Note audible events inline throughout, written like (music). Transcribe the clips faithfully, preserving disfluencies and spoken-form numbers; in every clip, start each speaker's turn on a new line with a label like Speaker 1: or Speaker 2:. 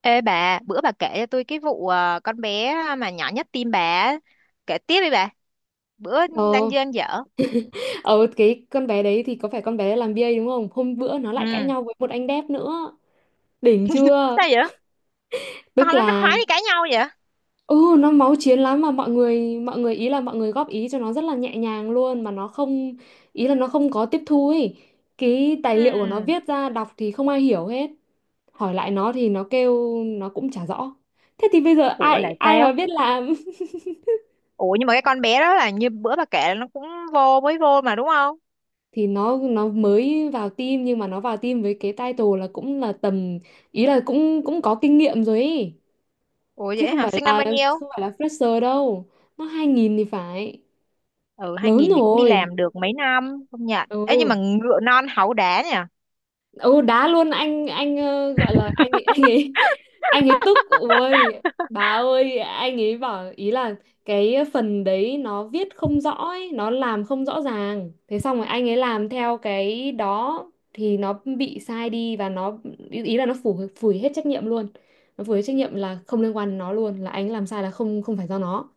Speaker 1: Ê bà, bữa bà kể cho tôi cái vụ ờ, con bé mà nhỏ nhất tim bà á. Kể tiếp đi bà. Bữa đang
Speaker 2: Ờ,
Speaker 1: dơn dở.
Speaker 2: ờ cái con bé đấy thì có phải con bé làm bê a đúng không? Hôm bữa nó lại cãi
Speaker 1: Ừ,
Speaker 2: nhau với một anh đẹp nữa. Đỉnh chưa?
Speaker 1: sao vậy? Con
Speaker 2: Tức
Speaker 1: nó nó
Speaker 2: là
Speaker 1: khoái đi cãi nhau vậy?
Speaker 2: ừ nó máu chiến lắm mà mọi người mọi người ý là mọi người góp ý cho nó rất là nhẹ nhàng luôn mà nó không ý là nó không có tiếp thu ấy. Cái tài
Speaker 1: Ừ.
Speaker 2: liệu của nó viết ra đọc thì không ai hiểu hết. Hỏi lại nó thì nó kêu nó cũng chả rõ. Thế thì bây giờ
Speaker 1: Ủa
Speaker 2: ai
Speaker 1: là
Speaker 2: ai mà
Speaker 1: sao?
Speaker 2: biết làm
Speaker 1: Ủa nhưng mà cái con bé đó là như bữa bà kể là nó cũng vô, mới vô mà đúng không?
Speaker 2: thì nó nó mới vào team nhưng mà nó vào team với cái title là cũng là tầm ý là cũng cũng có kinh nghiệm rồi ấy
Speaker 1: Ủa
Speaker 2: chứ
Speaker 1: vậy
Speaker 2: không
Speaker 1: hả?
Speaker 2: phải
Speaker 1: Sinh năm
Speaker 2: là
Speaker 1: bao nhiêu?
Speaker 2: không phải là fresher đâu. Nó hai nghìn thì phải
Speaker 1: Ừ,
Speaker 2: lớn
Speaker 1: hai không không không thì cũng đi
Speaker 2: rồi.
Speaker 1: làm được mấy năm, không nhận. Ê nhưng
Speaker 2: ừ
Speaker 1: mà ngựa non háu đá nhỉ?
Speaker 2: ừ Đá luôn anh anh ờ, gọi là anh ấy anh ấy (laughs) anh ấy tức. Ôi bà ơi anh ấy bảo ý là cái phần đấy nó viết không rõ ấy, nó làm không rõ ràng, thế xong rồi anh ấy làm theo cái đó thì nó bị sai đi và nó ý ý là nó phủ phủi hết trách nhiệm luôn. Nó phủi hết trách nhiệm là không liên quan đến nó luôn, là anh làm sai là không không phải do nó.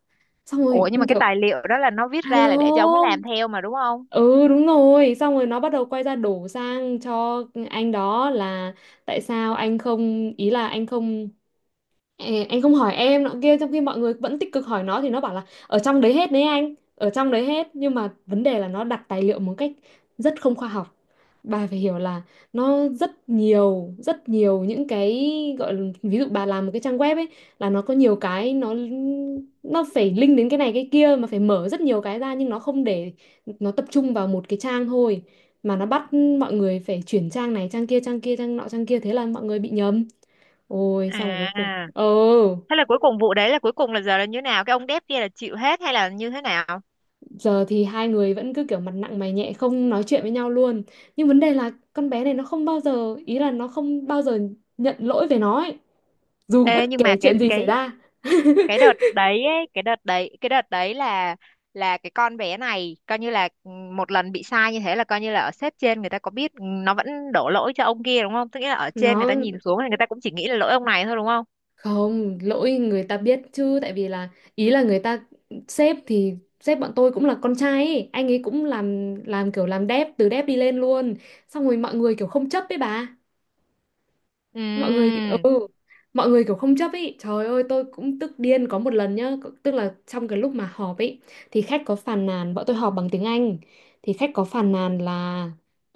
Speaker 2: Xong rồi
Speaker 1: Ủa nhưng mà
Speaker 2: mình
Speaker 1: cái
Speaker 2: kiểu
Speaker 1: tài liệu đó là nó viết ra là để cho ông ấy
Speaker 2: alo.
Speaker 1: làm theo mà đúng không?
Speaker 2: Ừ đúng rồi, xong rồi nó bắt đầu quay ra đổ sang cho anh đó là tại sao anh không ý là anh không, ê, anh không hỏi em nọ kia trong khi mọi người vẫn tích cực hỏi nó, thì nó bảo là ở trong đấy hết đấy, anh ở trong đấy hết, nhưng mà vấn đề là nó đặt tài liệu một cách rất không khoa học. Bà phải hiểu là nó rất nhiều rất nhiều những cái gọi là, ví dụ bà làm một cái trang web ấy, là nó có nhiều cái nó nó phải link đến cái này cái kia mà phải mở rất nhiều cái ra, nhưng nó không để, nó tập trung vào một cái trang thôi, mà nó bắt mọi người phải chuyển trang này trang kia trang kia trang nọ trang kia, thế là mọi người bị nhầm. Ôi xong cuối cùng,
Speaker 1: À.
Speaker 2: ừ,
Speaker 1: Thế là cuối cùng vụ đấy là cuối cùng là giờ là như thế nào? Cái ông đép kia là chịu hết hay là như thế nào?
Speaker 2: giờ thì hai người vẫn cứ kiểu mặt nặng mày nhẹ, không nói chuyện với nhau luôn. Nhưng vấn đề là con bé này nó không bao giờ, ý là nó không bao giờ nhận lỗi về nó ấy. Dù
Speaker 1: Ê,
Speaker 2: bất
Speaker 1: nhưng mà
Speaker 2: kể
Speaker 1: cái
Speaker 2: chuyện gì xảy
Speaker 1: cái
Speaker 2: ra.
Speaker 1: cái đợt đấy ấy, cái đợt đấy cái đợt đấy là là cái con bé này coi như là ừ, một lần bị sai như thế là coi như là ở sếp trên người ta có biết nó vẫn đổ lỗi cho ông kia đúng không? Tức nghĩa là ở trên người ta
Speaker 2: Nó
Speaker 1: nhìn xuống thì người ta cũng chỉ nghĩ là lỗi ông này thôi đúng không?
Speaker 2: không, lỗi người ta biết chứ. Tại vì là ý là người ta sếp thì sếp bọn tôi cũng là con trai ấy. Anh ấy cũng làm làm kiểu làm đép, từ đép đi lên luôn. Xong rồi mọi người kiểu không chấp với bà,
Speaker 1: Ừ.
Speaker 2: mọi người, ừ mọi người kiểu không chấp. Ý trời ơi tôi cũng tức điên có một lần nhá. C- tức là trong cái lúc mà họp ấy thì khách có phàn nàn, bọn tôi họp bằng tiếng Anh, thì khách có phàn nàn là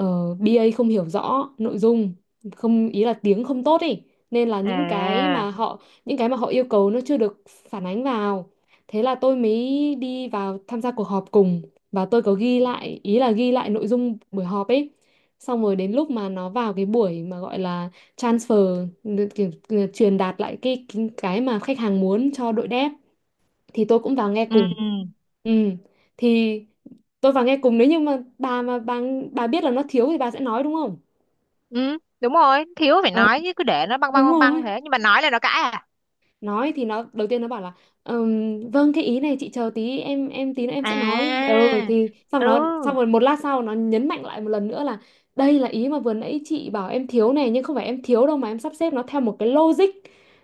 Speaker 2: uh, bê a không hiểu rõ nội dung, không ý là tiếng không tốt ý, nên là những cái
Speaker 1: À.
Speaker 2: mà họ những cái mà họ yêu cầu nó chưa được phản ánh vào. Thế là tôi mới đi vào tham gia cuộc họp cùng, và tôi có ghi lại, ý là ghi lại nội dung buổi họp ấy. Xong rồi đến lúc mà nó vào cái buổi mà gọi là transfer, kiểu, ờ, truyền đạt lại cái cái cái mà khách hàng muốn cho đội dev, thì tôi cũng vào nghe
Speaker 1: Ừ.
Speaker 2: cùng. ừ thì tôi vào nghe cùng, nếu như mà bà mà bà bà biết là nó thiếu thì bà sẽ nói đúng không.
Speaker 1: Ừ, đúng rồi, thiếu phải
Speaker 2: Ờ,
Speaker 1: nói chứ cứ để nó băng băng
Speaker 2: Đúng
Speaker 1: băng băng
Speaker 2: rồi,
Speaker 1: thế, nhưng mà nói là nó cãi à?
Speaker 2: nói thì nó đầu tiên nó bảo là "Ừm, vâng cái ý này chị chờ tí, em em tí nữa em sẽ nói". Ừ
Speaker 1: À.
Speaker 2: thì xong
Speaker 1: Ừ,
Speaker 2: nó Xong rồi một lát sau nó nhấn mạnh lại một lần nữa là đây là ý mà vừa nãy chị bảo em thiếu này, nhưng không phải em thiếu đâu mà em sắp xếp nó theo một cái logic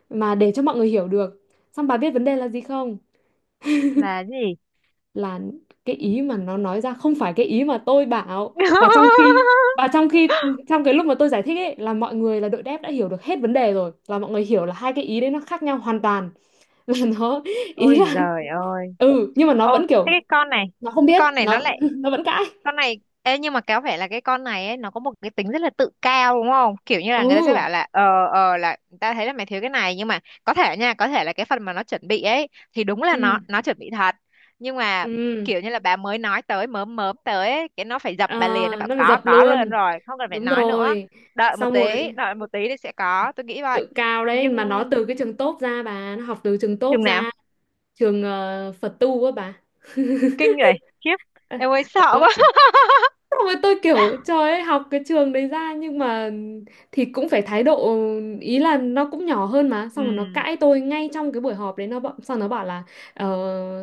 Speaker 2: mà để cho mọi người hiểu được. Xong bà biết vấn đề là gì không,
Speaker 1: là gì?
Speaker 2: là cái ý mà nó nói ra không phải cái ý mà tôi bảo. và trong khi và trong
Speaker 1: (laughs)
Speaker 2: khi trong cái lúc mà tôi giải thích ấy là mọi người, là đội dev đã hiểu được hết vấn đề rồi, là mọi người hiểu là hai cái ý đấy nó khác nhau hoàn toàn, (laughs) là nó ý
Speaker 1: Ôi
Speaker 2: là
Speaker 1: giời ơi.
Speaker 2: ừ nhưng mà nó
Speaker 1: Ô,
Speaker 2: vẫn
Speaker 1: thế
Speaker 2: kiểu,
Speaker 1: cái con này,
Speaker 2: nó không
Speaker 1: cái
Speaker 2: biết
Speaker 1: con này nó
Speaker 2: nó
Speaker 1: lại
Speaker 2: (laughs) nó vẫn cãi.
Speaker 1: con này Ê, nhưng mà có vẻ là cái con này ấy, nó có một cái tính rất là tự cao đúng không? Kiểu như là người ta sẽ
Speaker 2: ừ
Speaker 1: bảo là ờ ờ là ta thấy là mày thiếu cái này, nhưng mà có thể nha, có thể là cái phần mà nó chuẩn bị ấy thì đúng là
Speaker 2: ừ
Speaker 1: nó nó chuẩn bị thật. Nhưng mà
Speaker 2: ừ
Speaker 1: kiểu như là bà mới nói tới mớm mớm tới ấy, cái nó phải dập
Speaker 2: Ờ,
Speaker 1: bà liền, nó bảo
Speaker 2: nó phải
Speaker 1: có
Speaker 2: dập
Speaker 1: có luôn
Speaker 2: luôn,
Speaker 1: rồi, không cần phải
Speaker 2: đúng
Speaker 1: nói nữa.
Speaker 2: rồi.
Speaker 1: Đợi một
Speaker 2: Xong
Speaker 1: tí,
Speaker 2: rồi
Speaker 1: đợi một tí thì sẽ có, tôi nghĩ vậy.
Speaker 2: tự cao đấy,
Speaker 1: Nhưng
Speaker 2: mà nó từ cái trường tốt ra bà, nó học từ trường tốt
Speaker 1: chừng nào
Speaker 2: ra, trường ờ, Phật tu á bà.
Speaker 1: kinh vậy, khiếp, em ơi sợ quá.
Speaker 2: (laughs)
Speaker 1: (laughs)
Speaker 2: Xong rồi tôi kiểu trời ơi học cái trường đấy ra nhưng mà thì cũng phải thái độ, ý là nó cũng nhỏ hơn mà, xong rồi nó
Speaker 1: Ừ.
Speaker 2: cãi tôi ngay trong cái buổi họp đấy. Nó bảo- xong nó bảo là ờ,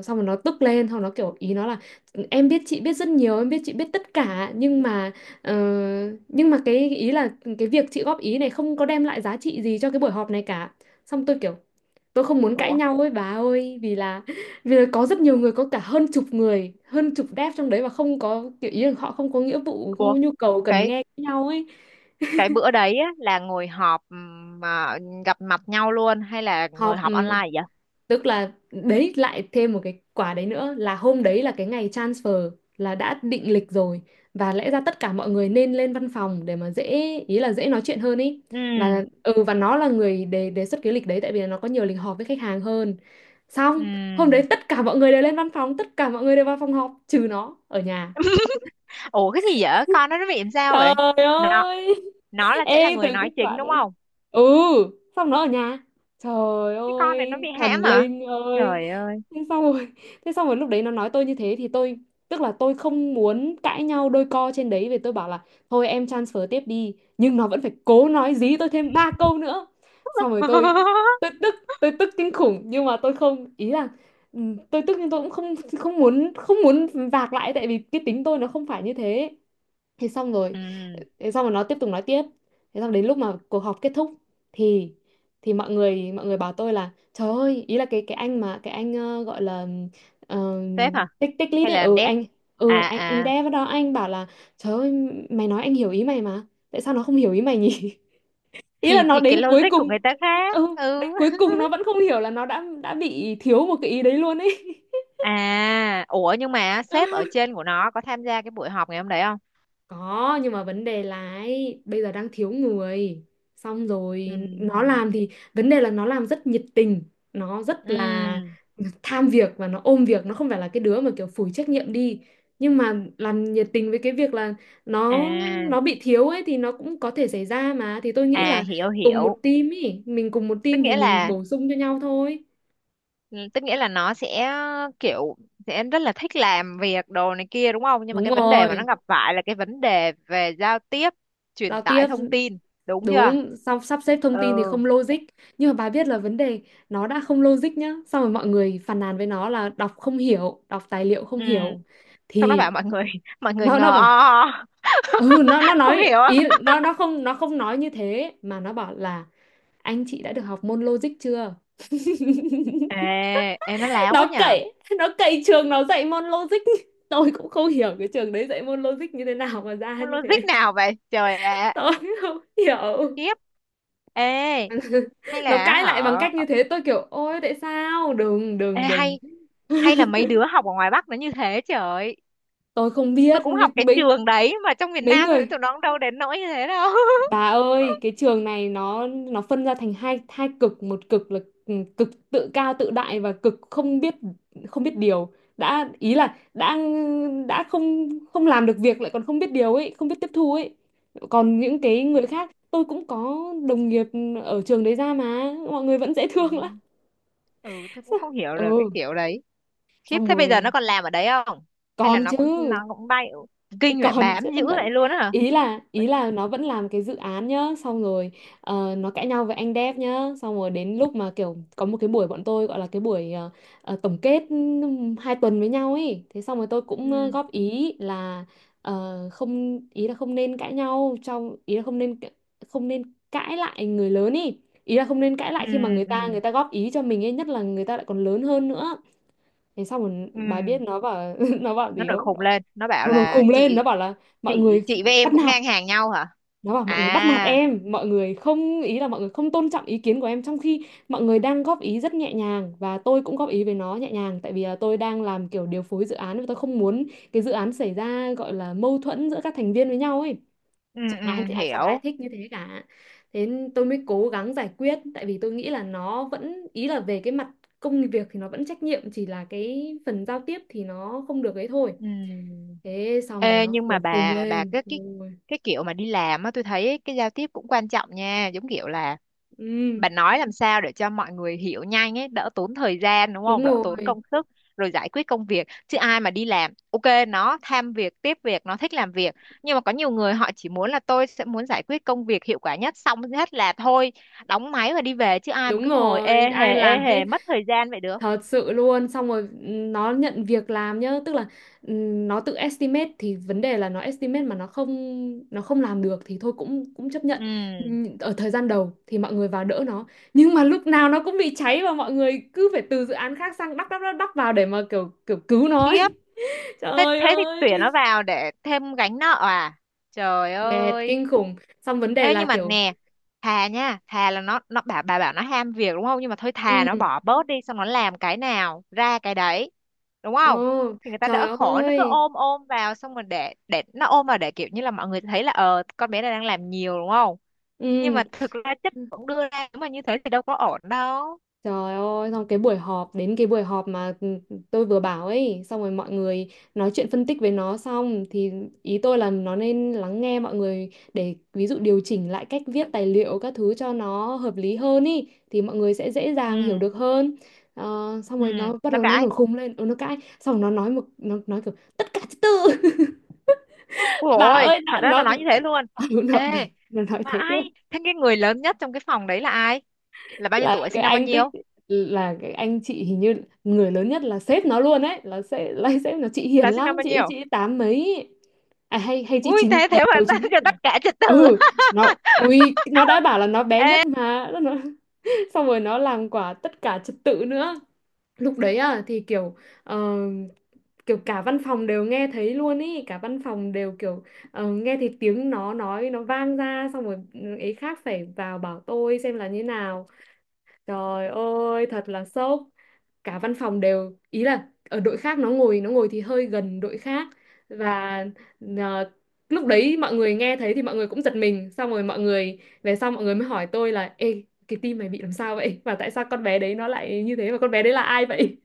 Speaker 2: xong rồi nó tức lên, xong nó kiểu ý nó là em biết chị biết rất nhiều, em biết chị biết tất cả, nhưng mà, ờ, nhưng mà cái ý là cái việc chị góp ý này không có đem lại giá trị gì cho cái buổi họp này cả. Xong tôi kiểu, tôi không muốn cãi
Speaker 1: Ủa,
Speaker 2: nhau ấy bà ơi, vì là, vì là có rất nhiều người, có cả hơn chục người, hơn chục dev trong đấy, và không có kiểu ý là họ không có nghĩa vụ, không có
Speaker 1: ủa
Speaker 2: nhu cầu cần
Speaker 1: cái
Speaker 2: nghe nhau ấy.
Speaker 1: cái bữa đấy á, là ngồi họp ừm, mà gặp mặt nhau luôn hay là ngồi
Speaker 2: Họp,
Speaker 1: họp
Speaker 2: ừ,
Speaker 1: online vậy?
Speaker 2: tức là đấy lại thêm một cái quả đấy nữa, là hôm đấy là cái ngày transfer, là đã định lịch rồi, và lẽ ra tất cả mọi người nên lên văn phòng để mà dễ, ý là dễ nói chuyện hơn ý. Và
Speaker 1: Ừ.
Speaker 2: ừ và nó là người đề đề xuất cái lịch đấy tại vì là nó có nhiều lịch họp với khách hàng hơn. Xong,
Speaker 1: Ừ.
Speaker 2: hôm đấy tất cả mọi người đều lên văn phòng, tất cả mọi người đều vào phòng họp trừ nó ở nhà.
Speaker 1: Ủa cái gì vậy, con nó nó bị làm sao vậy?
Speaker 2: Trời
Speaker 1: nó
Speaker 2: ơi.
Speaker 1: nó là sẽ là
Speaker 2: Ê từ
Speaker 1: người
Speaker 2: kết
Speaker 1: nói chính
Speaker 2: quả
Speaker 1: đúng
Speaker 2: đấy,
Speaker 1: không?
Speaker 2: ừ xong nó ở nhà, trời
Speaker 1: Cái con này nó
Speaker 2: ơi
Speaker 1: bị hãm
Speaker 2: thần
Speaker 1: hả?
Speaker 2: linh ơi.
Speaker 1: Trời ơi.
Speaker 2: Thế xong rồi thế xong rồi lúc đấy nó nói tôi như thế thì tôi, tức là tôi không muốn cãi nhau đôi co trên đấy, vì tôi bảo là thôi em transfer tiếp đi, nhưng nó vẫn phải cố nói dí tôi thêm ba câu nữa. Xong rồi tôi tôi
Speaker 1: (laughs)
Speaker 2: tức, tôi tức kinh khủng, nhưng mà tôi không, ý là, ừ, tôi tức nhưng tôi cũng không, không muốn không muốn vạc lại, tại vì cái tính tôi nó không phải như thế. thế xong rồi
Speaker 1: Ừ.
Speaker 2: thế xong rồi nó tiếp tục nói tiếp. Thế xong đến lúc mà cuộc họp kết thúc thì thì mọi người, mọi người bảo tôi là trời ơi, ý là cái cái anh mà cái anh ờ, gọi là, ờ,
Speaker 1: Sếp hả?
Speaker 2: tích tích lít
Speaker 1: Hay
Speaker 2: ấy,
Speaker 1: là làm
Speaker 2: ừ
Speaker 1: dev?
Speaker 2: anh ừ
Speaker 1: À
Speaker 2: anh anh
Speaker 1: à.
Speaker 2: dev đó, anh bảo là trời ơi mày nói anh hiểu ý mày, mà tại sao nó không hiểu ý mày nhỉ. (laughs) Ý là
Speaker 1: thì
Speaker 2: nó
Speaker 1: thì cái
Speaker 2: đến cuối
Speaker 1: logic của
Speaker 2: cùng,
Speaker 1: người ta khác.
Speaker 2: ừ đến
Speaker 1: Ừ.
Speaker 2: cuối
Speaker 1: (laughs)
Speaker 2: cùng nó vẫn không hiểu là nó đã đã bị thiếu một cái ý đấy luôn ấy.
Speaker 1: À, ủa nhưng mà sếp ở
Speaker 2: (laughs)
Speaker 1: trên của nó có tham gia cái buổi họp ngày hôm đấy không?
Speaker 2: Có, nhưng mà vấn đề là ấy, bây giờ đang thiếu người. Xong rồi
Speaker 1: Ừ.
Speaker 2: nó làm thì, vấn đề là nó làm rất nhiệt tình, nó rất là
Speaker 1: Ừ.
Speaker 2: tham việc và nó ôm việc, nó không phải là cái đứa mà kiểu phủi trách nhiệm đi. Nhưng mà làm nhiệt tình với cái việc là nó
Speaker 1: À,
Speaker 2: nó bị thiếu ấy thì nó cũng có thể xảy ra mà. Thì tôi nghĩ
Speaker 1: à
Speaker 2: là
Speaker 1: hiểu
Speaker 2: cùng một
Speaker 1: hiểu.
Speaker 2: team ý, mình cùng một
Speaker 1: Tức
Speaker 2: team thì
Speaker 1: nghĩa
Speaker 2: mình
Speaker 1: là
Speaker 2: bổ sung cho nhau thôi.
Speaker 1: ừ, tức nghĩa là nó sẽ kiểu sẽ rất là thích làm việc đồ này kia đúng không? Nhưng mà
Speaker 2: Đúng
Speaker 1: cái vấn đề mà nó
Speaker 2: rồi,
Speaker 1: gặp phải là cái vấn đề về giao tiếp, truyền
Speaker 2: giao tiếp,
Speaker 1: tải thông tin, đúng chưa?
Speaker 2: đúng, xong sắp xếp thông
Speaker 1: Ừ.
Speaker 2: tin thì không logic. Nhưng mà bà biết là vấn đề nó đã không logic nhá, xong rồi mọi người phàn nàn với nó là đọc không hiểu, đọc tài liệu không
Speaker 1: Ừ.
Speaker 2: hiểu.
Speaker 1: Xong nó bảo
Speaker 2: Thì
Speaker 1: mọi người (laughs) mọi người
Speaker 2: nó nó
Speaker 1: ngờ o,
Speaker 2: bảo,
Speaker 1: o.
Speaker 2: ừ, nó nó
Speaker 1: (laughs) Không
Speaker 2: nói
Speaker 1: hiểu á.
Speaker 2: ý nó nó không nó không nói như thế mà nó bảo là anh chị đã được học môn logic chưa? (laughs)
Speaker 1: Ê, ê nó láo quá
Speaker 2: Nó
Speaker 1: nhờ.
Speaker 2: cậy, nó cậy trường nó dạy môn logic. Tôi cũng không hiểu cái trường đấy dạy môn logic như thế nào mà ra
Speaker 1: Con
Speaker 2: như
Speaker 1: Logic
Speaker 2: thế.
Speaker 1: nào vậy? Trời ạ.
Speaker 2: Tôi không hiểu.
Speaker 1: Khiếp. Ê
Speaker 2: (laughs)
Speaker 1: hay
Speaker 2: Nó
Speaker 1: là
Speaker 2: cãi lại bằng
Speaker 1: họ
Speaker 2: cách như thế tôi kiểu ôi tại sao đừng
Speaker 1: ê,
Speaker 2: đừng đừng
Speaker 1: hay hay là mấy đứa học ở ngoài Bắc nó như thế, trời.
Speaker 2: Tôi không
Speaker 1: Tôi
Speaker 2: biết
Speaker 1: cũng
Speaker 2: nhưng
Speaker 1: học cái
Speaker 2: mấy
Speaker 1: trường đấy mà trong miền
Speaker 2: mấy
Speaker 1: Nam thì
Speaker 2: người.
Speaker 1: tụi nó cũng đâu đến nỗi như thế đâu.
Speaker 2: Bà ơi, cái trường này nó nó phân ra thành hai hai cực. Một cực là ừ, cực tự cao tự đại và cực không biết, không biết điều. Đã ý là đã đã không không làm được việc lại còn không biết điều ấy, không biết tiếp thu ấy. Còn những cái người khác tôi cũng có đồng nghiệp ở trường đấy ra mà mọi người vẫn dễ
Speaker 1: (laughs)
Speaker 2: thương lắm.
Speaker 1: Ừ. Ừ,
Speaker 2: (laughs)
Speaker 1: tôi cũng
Speaker 2: Sao-
Speaker 1: không hiểu được cái
Speaker 2: ừ,
Speaker 1: kiểu đấy. Khiếp,
Speaker 2: xong
Speaker 1: thế bây giờ nó
Speaker 2: rồi
Speaker 1: còn làm ở đấy không? Hay là
Speaker 2: còn
Speaker 1: nó
Speaker 2: chứ,
Speaker 1: cũng nó cũng bay? Kinh vậy,
Speaker 2: còn (laughs)
Speaker 1: bám
Speaker 2: chứ
Speaker 1: dữ
Speaker 2: vẫn,
Speaker 1: vậy luôn á hả?
Speaker 2: ý là ý
Speaker 1: Vẫn-
Speaker 2: là nó vẫn làm cái dự án nhá. Xong rồi ờ, nó cãi nhau với anh dev nhá. Xong rồi đến lúc mà kiểu có một cái buổi, bọn tôi gọi là cái buổi ờ, ờ, tổng kết ừm, hai tuần với nhau ấy. Thế xong rồi tôi cũng ờ,
Speaker 1: ừ.
Speaker 2: góp ý là ờ, không, ý là không nên cãi nhau trong, ý là không nên, không nên cãi lại người lớn ý, ý là không nên cãi
Speaker 1: Ừ.
Speaker 2: lại khi mà người
Speaker 1: Ừ.
Speaker 2: ta người ta góp ý cho mình ấy, nhất là người ta lại còn lớn hơn nữa. Thế xong rồi bà biết
Speaker 1: Ừ,
Speaker 2: nó bảo (laughs) nó bảo
Speaker 1: nó
Speaker 2: gì
Speaker 1: nổi
Speaker 2: không?
Speaker 1: khùng lên nó bảo
Speaker 2: Nó nổi
Speaker 1: là
Speaker 2: khùng lên nó
Speaker 1: chị
Speaker 2: bảo là mọi
Speaker 1: chị
Speaker 2: người
Speaker 1: chị với
Speaker 2: bắt
Speaker 1: em cũng
Speaker 2: nạt,
Speaker 1: ngang hàng nhau hả?
Speaker 2: nó bảo mọi người bắt nạt
Speaker 1: À.
Speaker 2: em, mọi người không, ý là mọi người không tôn trọng ý kiến của em, trong khi mọi người đang góp ý rất nhẹ nhàng và tôi cũng góp ý với nó nhẹ nhàng, tại vì là tôi đang làm kiểu điều phối dự án và tôi không muốn cái dự án xảy ra gọi là mâu thuẫn giữa các thành viên với nhau ấy.
Speaker 1: Ừ.
Speaker 2: Chẳng ai
Speaker 1: Ừ
Speaker 2: thì- à, chẳng ai
Speaker 1: hiểu.
Speaker 2: thích như thế cả. Thế tôi mới cố gắng giải quyết tại vì tôi nghĩ là nó vẫn, ý là về cái mặt công việc thì nó vẫn trách nhiệm, chỉ là cái phần giao tiếp thì nó không được ấy thôi.
Speaker 1: Ừm.
Speaker 2: Thế xong rồi
Speaker 1: Ê,
Speaker 2: nó
Speaker 1: nhưng mà
Speaker 2: nổi khùng
Speaker 1: bà bà
Speaker 2: lên.
Speaker 1: cái cái
Speaker 2: Ôi,
Speaker 1: cái kiểu mà đi làm á, tôi thấy cái giao tiếp cũng quan trọng nha, giống kiểu là
Speaker 2: ừ,
Speaker 1: bà nói làm sao để cho mọi người hiểu nhanh ấy, đỡ tốn thời gian đúng
Speaker 2: đúng
Speaker 1: không, đỡ tốn
Speaker 2: rồi,
Speaker 1: công sức rồi giải quyết công việc, chứ ai mà đi làm, ok nó tham việc, tiếp việc, nó thích làm việc, nhưng mà có nhiều người họ chỉ muốn là tôi sẽ muốn giải quyết công việc hiệu quả nhất xong hết là thôi, đóng máy và đi về chứ ai mà
Speaker 2: đúng
Speaker 1: cứ ngồi ê
Speaker 2: rồi,
Speaker 1: hề
Speaker 2: ai
Speaker 1: ê
Speaker 2: làm hết.
Speaker 1: hề mất thời gian vậy được.
Speaker 2: Thật sự luôn, xong rồi nó nhận việc làm nhá, tức là ừm, nó tự estimate, thì vấn đề là nó estimate mà nó không, nó không làm được thì thôi, cũng cũng chấp nhận.
Speaker 1: Ừ.
Speaker 2: Ừm, Ở thời gian đầu thì mọi người vào đỡ nó, nhưng mà lúc nào nó cũng bị cháy và mọi người cứ phải từ dự án khác sang đắp đắp đắp đắp vào để mà kiểu kiểu cứu nó
Speaker 1: Khiếp,
Speaker 2: ấy. (laughs)
Speaker 1: thế
Speaker 2: Trời
Speaker 1: thế thì
Speaker 2: ơi,
Speaker 1: tuyển nó vào để thêm gánh nợ à? Trời
Speaker 2: mệt
Speaker 1: ơi.
Speaker 2: kinh khủng. Xong vấn đề
Speaker 1: Ê
Speaker 2: là
Speaker 1: nhưng mà
Speaker 2: kiểu
Speaker 1: nè, thà nha, thà là nó nó bảo bà bảo nó ham việc đúng không, nhưng mà thôi thà
Speaker 2: ừ,
Speaker 1: nó bỏ bớt đi xong nó làm cái nào ra cái đấy đúng
Speaker 2: ồ,
Speaker 1: không, thì người ta đỡ
Speaker 2: trời
Speaker 1: khổ. Nó cứ
Speaker 2: ơi.
Speaker 1: ôm ôm vào xong rồi để để nó ôm vào để kiểu như là mọi người thấy là ờ con bé này đang làm nhiều đúng không, nhưng
Speaker 2: Ừ.
Speaker 1: mà thực ra chất cũng đưa ra, nếu mà như thế thì đâu có ổn đâu.
Speaker 2: Trời ơi, xong cái buổi họp, đến cái buổi họp mà ừ, tôi vừa bảo ấy, xong rồi mọi người nói chuyện phân tích với nó xong thì ý tôi là nó nên lắng nghe mọi người để ví dụ điều chỉnh lại cách viết tài liệu các thứ cho nó hợp lý hơn ý, thì mọi người sẽ dễ dàng hiểu
Speaker 1: Ừ.
Speaker 2: được hơn. Ờ, Xong
Speaker 1: Ừ
Speaker 2: rồi nó bắt
Speaker 1: nó
Speaker 2: đầu nó
Speaker 1: cãi.
Speaker 2: nổi khùng lên, ừ, nó cãi, xong rồi nó nói một, nó nói kiểu tất cả thứ tư. (laughs)
Speaker 1: Ôi dồi
Speaker 2: Bà
Speaker 1: ôi,
Speaker 2: ơi,
Speaker 1: thật
Speaker 2: nó
Speaker 1: ra nó
Speaker 2: nó
Speaker 1: nói như thế luôn.
Speaker 2: (laughs)
Speaker 1: Ê,
Speaker 2: nó, nó, nó nói
Speaker 1: mà
Speaker 2: thế
Speaker 1: ai?
Speaker 2: luôn.
Speaker 1: Thế cái người lớn nhất trong cái phòng đấy là ai? Là bao nhiêu
Speaker 2: Là
Speaker 1: tuổi,
Speaker 2: cái
Speaker 1: sinh năm bao
Speaker 2: anh tích,
Speaker 1: nhiêu?
Speaker 2: là cái anh chị hình như, người lớn nhất là sếp nó luôn ấy, là sẽ là (laughs) sếp nó chị hiền
Speaker 1: Là sinh
Speaker 2: lắm,
Speaker 1: năm bao
Speaker 2: chị
Speaker 1: nhiêu?
Speaker 2: chị tám mấy, à hay hay chị
Speaker 1: Ui,
Speaker 2: chín
Speaker 1: thế
Speaker 2: đầu,
Speaker 1: thế mà
Speaker 2: đầu chín ít
Speaker 1: (laughs)
Speaker 2: thì
Speaker 1: tất
Speaker 2: phải.
Speaker 1: cả trật tự.
Speaker 2: Ừ, nó
Speaker 1: (laughs)
Speaker 2: ui nó đã bảo là nó bé nhất mà nó, (laughs) xong rồi nó làm quả tất cả trật tự nữa lúc đấy. À thì kiểu ờ, kiểu cả văn phòng đều nghe thấy luôn ý, cả văn phòng đều kiểu ờ, nghe thấy tiếng nó nói, nó vang ra, xong rồi ấy khác phải vào bảo tôi xem là như nào. Trời ơi, thật là sốc. Cả văn phòng đều, ý là ở đội khác, nó ngồi nó ngồi thì hơi gần đội khác và ờ, lúc đấy mọi người nghe thấy thì mọi người cũng giật mình, xong rồi mọi người về sau mọi người mới hỏi tôi là ê cái tim mày bị làm sao vậy? Và tại sao con bé đấy nó lại như thế và con bé đấy là ai vậy?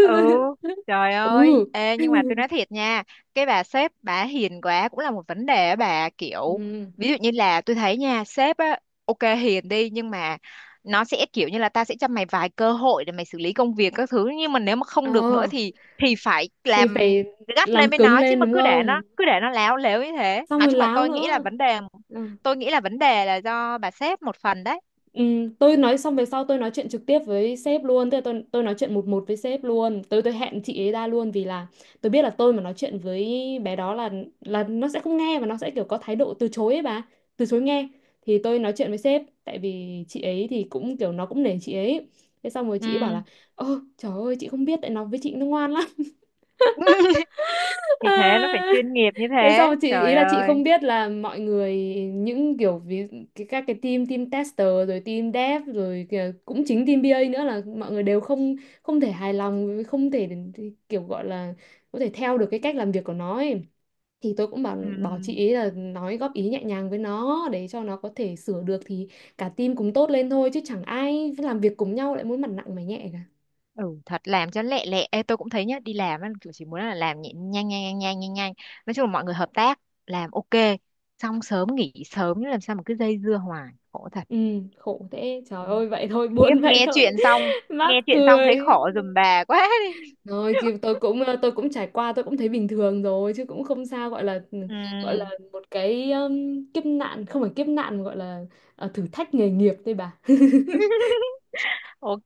Speaker 1: Ừ.
Speaker 2: (laughs)
Speaker 1: Trời ơi,
Speaker 2: Ừ.
Speaker 1: ê nhưng mà tôi nói thiệt nha, cái bà sếp bà hiền quá cũng là một vấn đề á bà, kiểu
Speaker 2: Ừ.
Speaker 1: ví dụ như là tôi thấy nha, sếp á ok hiền đi, nhưng mà nó sẽ kiểu như là ta sẽ cho mày vài cơ hội để mày xử lý công việc các thứ, nhưng mà nếu mà
Speaker 2: Ờ
Speaker 1: không được nữa thì thì phải
Speaker 2: thì
Speaker 1: làm
Speaker 2: phải
Speaker 1: gắt
Speaker 2: làm
Speaker 1: lên với
Speaker 2: cứng
Speaker 1: nó chứ,
Speaker 2: lên
Speaker 1: mà
Speaker 2: đúng
Speaker 1: cứ để
Speaker 2: không?
Speaker 1: nó cứ để nó láo lếu như thế,
Speaker 2: Xong
Speaker 1: nói
Speaker 2: rồi
Speaker 1: chung là
Speaker 2: láo
Speaker 1: tôi nghĩ là
Speaker 2: nữa.
Speaker 1: vấn đề
Speaker 2: Ừ.
Speaker 1: tôi nghĩ là vấn đề là do bà sếp một phần đấy.
Speaker 2: Ừm, tôi nói xong về sau tôi nói chuyện trực tiếp với sếp luôn, tức là tôi tôi nói chuyện một một với sếp luôn, tôi tôi hẹn chị ấy ra luôn vì là tôi biết là tôi mà nói chuyện với bé đó là là nó sẽ không nghe và nó sẽ kiểu có thái độ từ chối ấy bà, từ chối nghe. Thì tôi nói chuyện với sếp tại vì chị ấy thì cũng kiểu nó cũng nể chị ấy. Thế xong rồi chị ấy bảo
Speaker 1: Ừ.
Speaker 2: là ơ trời ơi chị không biết, tại nó với chị nó ngoan lắm.
Speaker 1: (laughs) Thì thế nó phải
Speaker 2: Ờ,
Speaker 1: chuyên nghiệp như
Speaker 2: thế xong
Speaker 1: thế,
Speaker 2: chị ý
Speaker 1: trời
Speaker 2: là chị
Speaker 1: ơi.
Speaker 2: không biết là mọi người, những kiểu ví, cái các cái team team tester rồi team dev rồi kìa, cũng chính team bê a nữa, là mọi người đều không, không thể hài lòng, không thể kiểu gọi là có thể theo được cái cách làm việc của nó ấy. Thì tôi cũng bảo
Speaker 1: Ừ.
Speaker 2: bảo chị ấy là nói góp ý nhẹ nhàng với nó để cho nó có thể sửa được, thì cả team cùng tốt lên thôi, chứ chẳng ai làm việc cùng nhau lại muốn mặt nặng mày nhẹ cả.
Speaker 1: Ừ thật, làm cho lẹ lẹ. Ê, tôi cũng thấy nhá, đi làm á, kiểu chỉ muốn là làm nhẹ- nhanh nhanh nhanh nhanh nhanh nhanh, nói chung là mọi người hợp tác làm ok, xong sớm nghỉ sớm chứ làm sao mà cứ dây dưa hoài, khổ thật.
Speaker 2: Ừ, khổ thế, trời
Speaker 1: Ừ.
Speaker 2: ơi vậy thôi, (laughs)
Speaker 1: Khiếp,
Speaker 2: buồn vậy
Speaker 1: nghe
Speaker 2: thôi.
Speaker 1: chuyện xong,
Speaker 2: (laughs) Mắc
Speaker 1: nghe chuyện xong thấy
Speaker 2: cười.
Speaker 1: khổ giùm bà quá đi.
Speaker 2: Rồi thì tôi cũng ờ, tôi cũng trải qua tôi cũng thấy bình thường rồi chứ cũng không sao, gọi là ừ, gọi là
Speaker 1: Ừ.
Speaker 2: một cái um, kiếp nạn, không phải kiếp nạn mà gọi là ờ, thử thách nghề nghiệp thôi bà. (laughs)
Speaker 1: (laughs) Ok,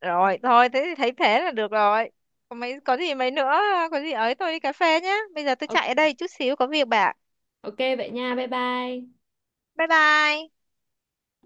Speaker 1: rồi thôi thế thì thấy thế là được rồi, có mấy có gì mấy nữa, có gì ấy tôi đi cà phê nhá, bây giờ tôi chạy ở đây chút xíu có việc bà.
Speaker 2: Ok vậy nha, bye bye.
Speaker 1: Bye bye.